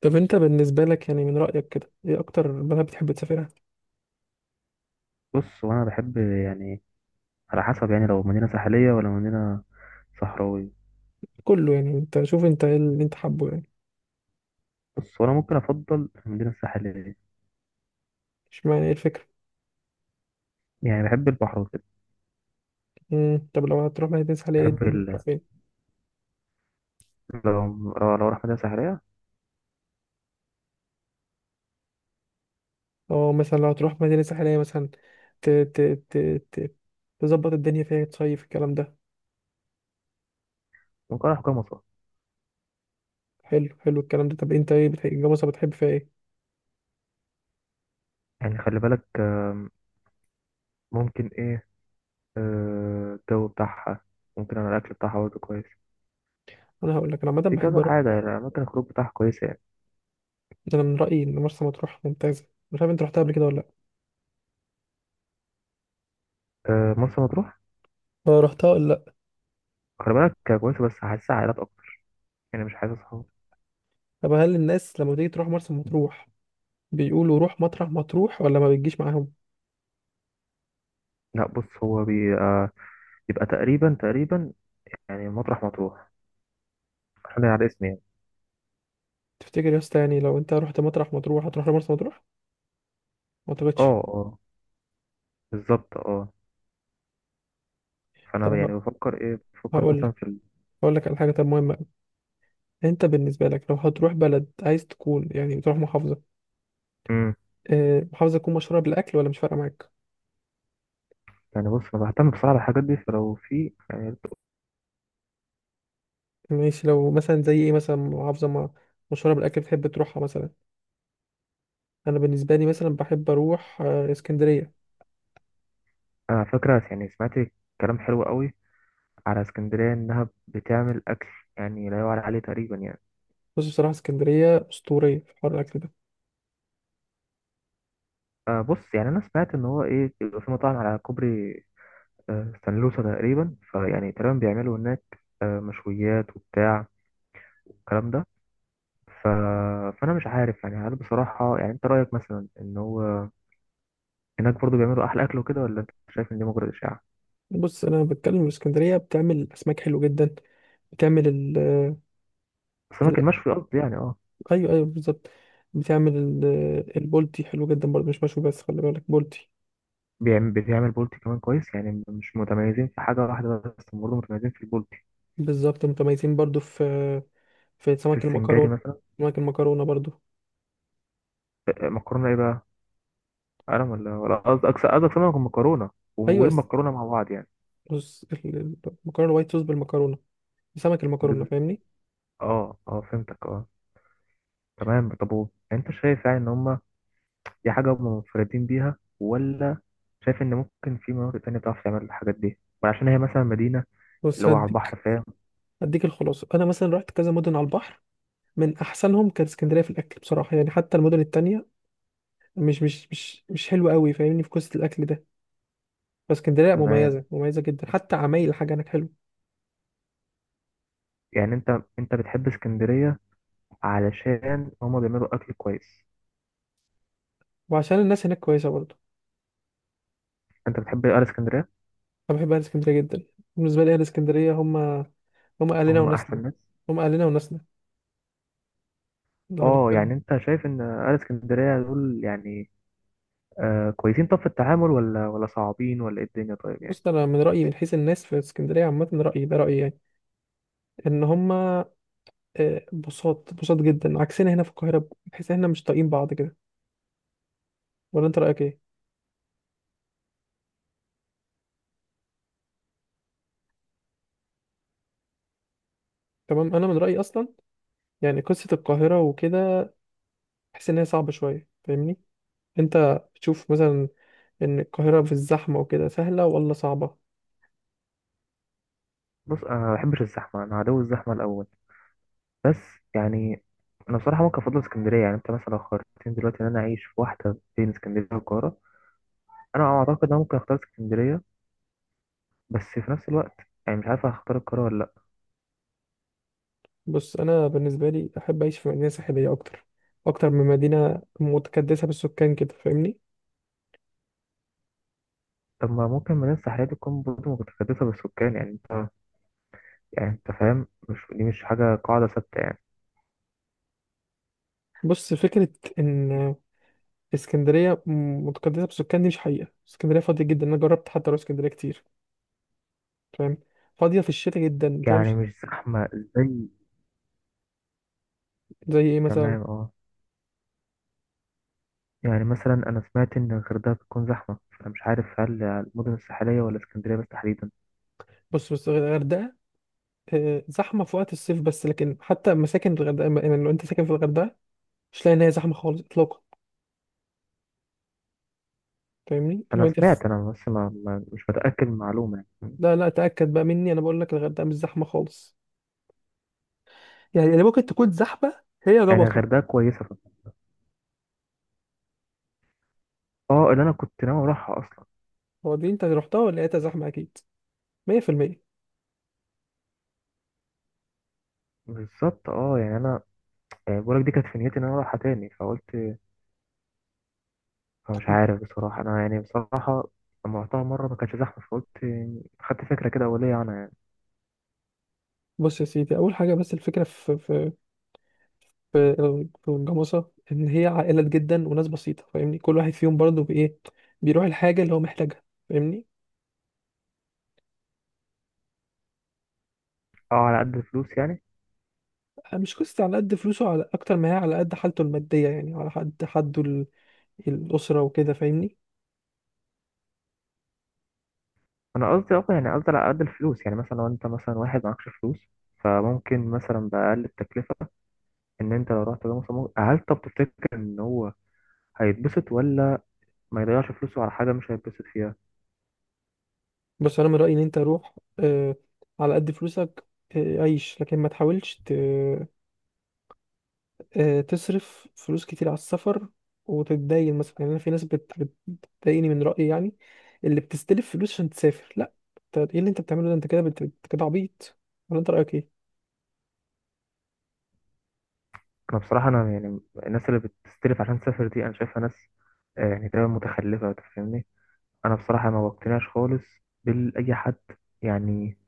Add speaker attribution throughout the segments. Speaker 1: طب انت بالنسبة لك يعني من رأيك كده ايه اكتر بلد بتحب تسافرها.
Speaker 2: بص، وانا بحب يعني، على حسب يعني، لو مدينة ساحلية ولا مدينة صحراوية.
Speaker 1: كله يعني انت شوف انت ايه اللي انت حابه يعني.
Speaker 2: بص، وانا ممكن افضل المدينة الساحلية،
Speaker 1: اشمعنى ايه الفكرة؟
Speaker 2: يعني بحب البحر وكده.
Speaker 1: طب لو هتروح مدينة ساحلية ايه
Speaker 2: بحب
Speaker 1: الدنيا
Speaker 2: ال...
Speaker 1: هتروح فين؟
Speaker 2: لو لو راح مدينة ساحلية،
Speaker 1: اه مثلا لو هتروح مدينة ساحلية مثلا ت ت ت ت تظبط الدنيا فيها تصيف الكلام ده.
Speaker 2: ممكن اروح كام مصر.
Speaker 1: حلو الكلام ده. طب انت ايه بتحب مرسى بتحب فيها ايه؟
Speaker 2: يعني خلي بالك، ممكن ايه، الجو بتاعها، ممكن انا الاكل بتاعها برضه كويس.
Speaker 1: انا هقول لك انا عامة
Speaker 2: في
Speaker 1: بحب
Speaker 2: كذا
Speaker 1: اروح.
Speaker 2: حاجة، يعني اماكن الخروج بتاعها كويسة يعني.
Speaker 1: انا من رأيي ان مرسى مطروح ممتازة، مش عارف انت رحتها قبل كده ولا لا.
Speaker 2: آه، مرسى مطروح،
Speaker 1: اه رحتها ولا لا؟
Speaker 2: خلي بالك. كويسة، بس حاسسها عائلات اكتر، يعني مش حاسس صحاب.
Speaker 1: طب هل الناس لما تيجي تروح مرسى مطروح بيقولوا روح مطرح مطروح ولا ما بتجيش معاهم؟
Speaker 2: لا بص، هو بيبقى تقريبا تقريبا يعني مطرح مطروح حاليا على اسمي يعني.
Speaker 1: تفتكر يا اسطى يعني لو انت رحت مطرح مطروح هتروح لمرسى مطروح؟ ما اعتقدش.
Speaker 2: اه اه، بالظبط اه. فانا يعني
Speaker 1: طب
Speaker 2: بفكر
Speaker 1: هقول
Speaker 2: مثلا
Speaker 1: لك، هقول لك على حاجه طب مهمه أوي. انت بالنسبه لك لو هتروح بلد عايز تكون يعني تروح محافظه،
Speaker 2: مم.
Speaker 1: محافظه تكون مشهوره بالاكل ولا مش فارقه معاك؟
Speaker 2: يعني بص، انا بهتم بصراحه بالحاجات دي، فلو في يعني،
Speaker 1: ماشي لو مثلا زي ايه، مثلا محافظه ما مشهوره بالاكل بتحب تروحها مثلا. انا بالنسبه لي مثلا بحب اروح اسكندريه.
Speaker 2: انا فاكره يعني سمعت كلام حلو قوي على اسكندريه، انها بتعمل اكل يعني لا يعلى عليه تقريبا يعني.
Speaker 1: بص بصراحه اسكندريه اسطوريه في حوار الاكل ده.
Speaker 2: بص، يعني انا سمعت ان هو بيبقى في مطاعم على كوبري سانلوسا تقريبا، فيعني تقريبا بيعملوا هناك مشويات وبتاع الكلام ده. ف... فانا مش عارف يعني، هل بصراحه يعني انت رايك مثلا ان هو هناك برضو بيعملوا احلى اكل وكده، ولا انت شايف ان دي مجرد اشاعه؟
Speaker 1: بص انا بتكلم من اسكندريه بتعمل اسماك حلو جدا. بتعمل ال.
Speaker 2: السمك المشوي قصدي يعني، اه.
Speaker 1: ايوه ايوه بالظبط. بتعمل البولتي حلو جدا برضه، مش مشوي بس خلي بالك بولتي.
Speaker 2: بيعمل بولتي كمان كويس، يعني مش متميزين في حاجه واحده بس، هم برضو متميزين في البولتي،
Speaker 1: بالظبط متميزين برضه في
Speaker 2: في
Speaker 1: سمك
Speaker 2: السنجاري
Speaker 1: المكرونه.
Speaker 2: مثلا.
Speaker 1: سمك المكرونه برضه.
Speaker 2: آه، مكرونه ايه بقى؟ قلم ولا قصدك سمك ومكرونه،
Speaker 1: ايوه بس.
Speaker 2: والمكرونه مع بعض يعني؟
Speaker 1: بص المكرونه الوايت صوص بالمكرونه، سمك المكرونه
Speaker 2: بز-
Speaker 1: فاهمني.
Speaker 2: اه اه، فهمتك اه. تمام، طب، انت شايف يعني ان هم دي حاجه هم منفردين بيها، ولا شايف ان ممكن في مناطق تانية بتعرف تعمل الحاجات دي، وعشان هي مثلا مدينه اللي
Speaker 1: بص
Speaker 2: هو على البحر، فاهم؟
Speaker 1: هديك الخلاصه، انا مثلا رحت كذا مدن على البحر، من احسنهم كانت اسكندريه في الاكل بصراحه يعني، حتى المدن التانية مش حلوه قوي فاهمني، في قصه الاكل ده. فاسكندريه
Speaker 2: تمام.
Speaker 1: مميزه جدا، حتى عمايل الحاجه هناك حلوه،
Speaker 2: يعني انت بتحب اسكندرية علشان هما بيعملوا اكل كويس؟
Speaker 1: وعشان الناس هناك كويسه برضه.
Speaker 2: انت بتحب اهل اسكندرية؟
Speaker 1: أنا بحب أهل اسكندرية جدا. بالنسبة لي أهل اسكندرية هم أهلنا
Speaker 2: هما
Speaker 1: وناسنا.
Speaker 2: احسن ناس.
Speaker 1: هم أهلنا وناسنا. لو
Speaker 2: اه،
Speaker 1: هنتكلم،
Speaker 2: يعني انت شايف ان اهل اسكندرية دول يعني، كويسين طب في التعامل، ولا صعبين، ولا ايه الدنيا طيب يعني؟
Speaker 1: بص أنا من رأيي من حيث الناس في اسكندرية عامة، رأيي ده رأيي يعني، إن هم بساط جدا، عكسنا هنا في القاهرة بحيث إحنا مش طايقين بعض كده. ولا أنت رأيك إيه؟ تمام، أنا من رأيي أصلا يعني قصة القاهرة وكده بحس إن هي صعبة شوية فاهمني؟ أنت بتشوف مثلا إن القاهرة في الزحمة وكده سهلة ولا صعبة؟
Speaker 2: بص، انا ما بحبش الزحمة، انا عدو الزحمة الاول، بس يعني، انا بصراحة ممكن افضل اسكندرية. يعني انت مثلا لو خيرتني دلوقتي ان انا اعيش في واحدة بين اسكندرية والقاهرة، انا اعتقد ان انا ممكن اختار اسكندرية. بس في نفس الوقت يعني مش عارف هختار القاهرة ولا لأ.
Speaker 1: بص انا بالنسبه لي احب اعيش في مدينه ساحليه اكتر، اكتر من مدينه متكدسه بالسكان كده فاهمني.
Speaker 2: طب، ما ممكن مدينة ساحلية دي تكون برضه متكدسة بالسكان؟ يعني انت فاهم، مش دي مش حاجة قاعدة ثابتة يعني.
Speaker 1: بص فكره ان اسكندريه متكدسه بالسكان دي مش حقيقه، اسكندريه فاضيه جدا، انا جربت حتى اروح اسكندريه كتير فاهم. فاضيه في الشتاء جدا انت
Speaker 2: يعني
Speaker 1: مش.
Speaker 2: مش زحمة زي
Speaker 1: زي ايه مثلا.
Speaker 2: تمام اه. يعني مثلا أنا سمعت إن الغردقة بتكون زحمة، فأنا مش عارف هل المدن الساحلية ولا اسكندرية بس تحديدا.
Speaker 1: بص الغردقه زحمه في وقت الصيف بس، لكن حتى مساكن الغردقه يعني لو انت ساكن في الغردقه مش لاقي ان هي زحمه خالص اطلاقا فاهمني لو
Speaker 2: أنا
Speaker 1: انت.
Speaker 2: سمعت أنا بس مش متأكد من المعلومة يعني.
Speaker 1: لا تاكد بقى مني، انا بقول لك الغردقه مش زحمه خالص. يعني ممكن تكون زحمة هي
Speaker 2: يعني
Speaker 1: ربطة.
Speaker 2: الغردقة كويسة فقط. اه، اللي أنا كنت ناوي أروحها أصلا.
Speaker 1: هو دي أنت رحتها ولا لقيتها زحمة؟ أكيد 100%.
Speaker 2: بالظبط اه، يعني أنا، يعني بقولك دي كانت في نيتي إن أنا أروحها تاني، فقلت، فمش عارف بصراحة أنا، يعني بصراحة لما رحتها مرة ما كانش زحمة، فقلت خدت فكرة كده أولية عنها يعني.
Speaker 1: بص يا سيدي، أول حاجة بس الفكرة في في الجاموسة إن هي عائلات جدا وناس بسيطة فاهمني، كل واحد فيهم برضه بإيه بيروح الحاجة اللي هو محتاجها فاهمني.
Speaker 2: أه، على قد الفلوس يعني.
Speaker 1: مش قصة على قد فلوسه، على أكتر ما هي على قد حالته المادية يعني، على قد حده الأسرة وكده فاهمني.
Speaker 2: أنا قصدي على قد الفلوس، يعني مثلا لو أنت مثلا واحد معكش فلوس، فممكن مثلا بأقل التكلفة، إن أنت لو رحت ده مثلا هل، طب تفتكر إن هو هيتبسط، ولا ما يضيعش فلوسه على حاجة مش هيتبسط فيها؟
Speaker 1: بس أنا من رأيي إن أنت روح على قد فلوسك، عيش، لكن ما تحاولش تصرف فلوس كتير على السفر وتتدين مثلا يعني. انا في ناس بتضايقني من رأيي يعني اللي بتستلف فلوس عشان تسافر. لا، انت ايه اللي انت بتعمله ده؟ انت كده كده عبيط، ولا انت رأيك ايه؟
Speaker 2: أنا بصراحة أنا يعني الناس اللي بتستلف عشان تسافر دي أنا شايفها ناس، يعني تقريبا متخلفة، أنت فاهمني. أنا بصراحة ما بقتنعش خالص بالأي حد، يعني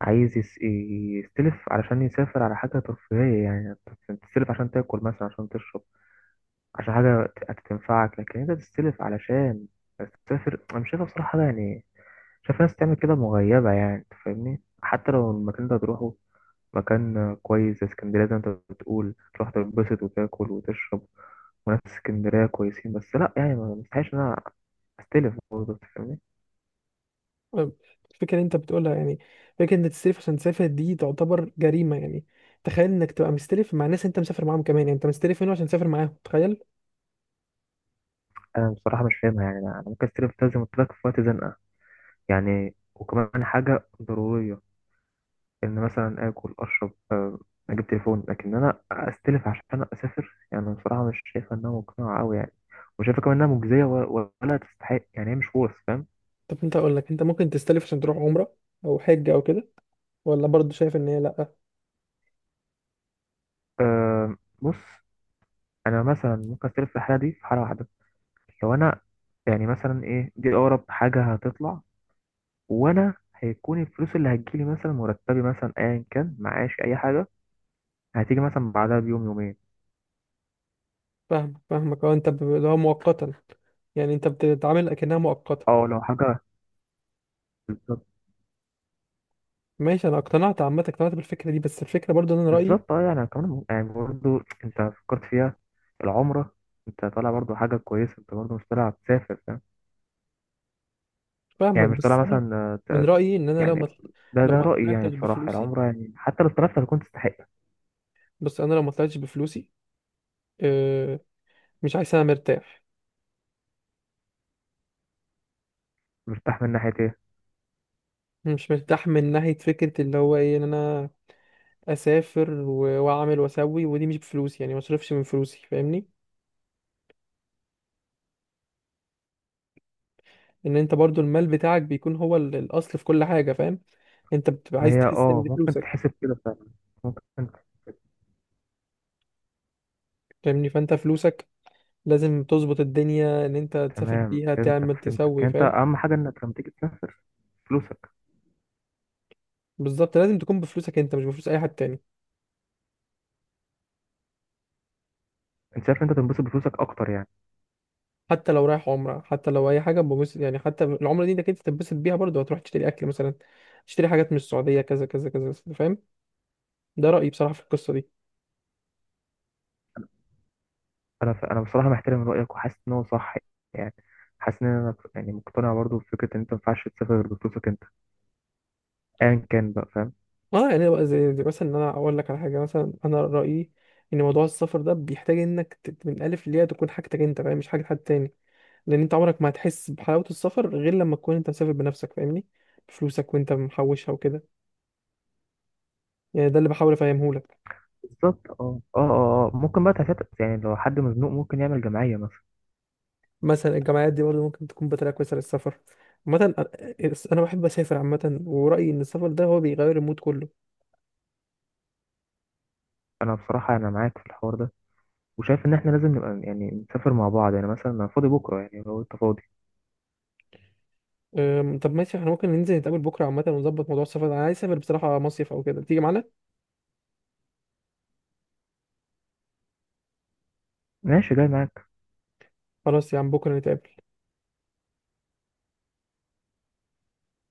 Speaker 2: عايز يستلف علشان يسافر على حاجة ترفيهية يعني. أنت تستلف عشان تاكل مثلا، عشان تشرب، عشان حاجة هتنفعك، لكن انت تستلف علشان تسافر، انا مش شايفها بصراحة حاجة يعني. شايف ناس تعمل كده مغيبة يعني، انت فاهمني؟ حتى لو المكان ده هتروحه مكان كويس زي اسكندرية، زي ما انت بتقول، تروح تنبسط وتاكل وتشرب، وناس اسكندرية كويسين، بس لا، يعني ما مستحيلش ان انا استلف برضه، أنت فاهمني.
Speaker 1: آه، الفكرة اللي انت بتقولها يعني، فكرة انك تستلف عشان تسافر دي تعتبر جريمة يعني. تخيل انك تبقى مستلف مع ناس انت مسافر معاهم كمان يعني، انت مستلف منه عشان تسافر معاهم، تخيل.
Speaker 2: انا بصراحة مش فاهمها يعني، انا ممكن استلف ده زي ما قلت لك في وقت زنقة، يعني وكمان حاجة ضرورية، إن مثلا آكل أشرب، أجيب تليفون، لكن أنا أستلف عشان أسافر، يعني أنا بصراحة مش شايفة إنها مقنعة أوي يعني. وشايفة كمان إنها مجزية ولا تستحق يعني، هي مش ورث، فاهم؟
Speaker 1: طب انت اقول لك، انت ممكن تستلف عشان تروح عمرة او حج او كده؟ ولا برضه شايف ان هي لا؟
Speaker 2: آه، بص، أنا مثلا ممكن أستلف في الحالة دي، في حالة واحدة، لو أنا يعني مثلا إيه، دي أقرب حاجة هتطلع، وأنا هيكون الفلوس اللي هتجيلي مثلا، مرتبي مثلا، أيا كان، معاش، أي حاجة هتيجي مثلا بعدها بيوم يومين.
Speaker 1: فاهمك اه، انت اللي هو مؤقتا يعني، انت بتتعامل اكنها مؤقته.
Speaker 2: أه لو حاجة.
Speaker 1: ماشي انا اقتنعت عامه، اقتنعت بالفكره دي، بس الفكره برضو ان انا رايي.
Speaker 2: بالظبط اه، يعني كمان، يعني برضه انت فكرت فيها العمرة، انت طالع برضه حاجة كويسة، انت برضه مش طالع تسافر، فاهم؟ يعني
Speaker 1: فاهمك،
Speaker 2: مش طالع
Speaker 1: بس انا
Speaker 2: مثلا،
Speaker 1: من رايي ان انا لو
Speaker 2: يعني
Speaker 1: ما،
Speaker 2: ده
Speaker 1: لو
Speaker 2: ده
Speaker 1: ما
Speaker 2: رأيي، يعني
Speaker 1: طلعتش
Speaker 2: بصراحة
Speaker 1: بفلوسي
Speaker 2: العمرة يعني حتى لو طلعت هتكون تستحق.
Speaker 1: بس انا لو ما طلعتش بفلوسي، اه، مش عايز، انا مرتاح.
Speaker 2: مرتاح من ناحية ايه؟
Speaker 1: مش مرتاح من ناحيه فكره اللي هو ايه، ان انا اسافر واعمل واسوي، ودي مش بفلوسي يعني ما اصرفش من فلوسي فاهمني. ان انت برضو المال بتاعك بيكون هو الاصل في كل حاجه فاهم. انت بتبقى
Speaker 2: ما
Speaker 1: عايز
Speaker 2: هي
Speaker 1: تحس ان
Speaker 2: اه،
Speaker 1: دي
Speaker 2: ممكن
Speaker 1: فلوسك
Speaker 2: تحسب كده فعلا، ممكن.
Speaker 1: فاهمني. فانت فلوسك لازم تظبط الدنيا ان انت تسافر
Speaker 2: تمام،
Speaker 1: بيها،
Speaker 2: فهمتك
Speaker 1: تعمل،
Speaker 2: فهمتك،
Speaker 1: تسوي
Speaker 2: يعني انت
Speaker 1: فاهم.
Speaker 2: اهم حاجة انك لما تيجي تسافر فلوسك.
Speaker 1: بالظبط، لازم تكون بفلوسك انت مش بفلوس اي حد تاني.
Speaker 2: انت شايف انت تنبسط بفلوسك اكتر يعني.
Speaker 1: حتى لو رايح عمره، حتى لو اي حاجه، ببص يعني، حتى العمره دي انك انت تتبسط بيها برضه هتروح تشتري اكل مثلا، تشتري حاجات من السعوديه، كذا كذا كذا فاهم. ده رايي بصراحه في القصه دي.
Speaker 2: انا انا بصراحه محترم رايك، وحاسس ان هو صح يعني، حاسس ان انا يعني مقتنع برضو بفكره ان انت ما ينفعش تسافر غير بفلوسك انت، ايا كان بقى، فاهم؟
Speaker 1: اه يعني بقى زي مثلا، ان انا اقول لك على حاجه، مثلا انا رايي ان موضوع السفر ده بيحتاج انك من الالف للياء تكون حاجتك انت فاهم، مش حاجه حد تاني. لان انت عمرك ما هتحس بحلاوه السفر غير لما تكون انت مسافر بنفسك فاهمني، بفلوسك وانت محوشها وكده. يعني ده اللي بحاول افهمه لك.
Speaker 2: بالظبط، اه اه اه اه، ممكن بقى تفتح، يعني لو حد مزنوق ممكن يعمل جمعيه مثلا.
Speaker 1: مثلا الجامعات دي برضه ممكن تكون بطريقه كويسه للسفر عامه. انا بحب اسافر عامه، ورايي ان السفر ده هو بيغير المود كله.
Speaker 2: انا بصراحه معاك في الحوار ده، وشايف ان احنا لازم نبقى يعني نسافر مع بعض، يعني مثلا انا فاضي بكره، يعني لو انت فاضي.
Speaker 1: طب ماشي، احنا ممكن ننزل نتقابل بكره عامه ونظبط موضوع السفر ده، انا عايز اسافر بصراحه مصيف او كده، تيجي معانا؟
Speaker 2: ماشي، جاي معاك.
Speaker 1: خلاص يا عم، بكره نتقابل.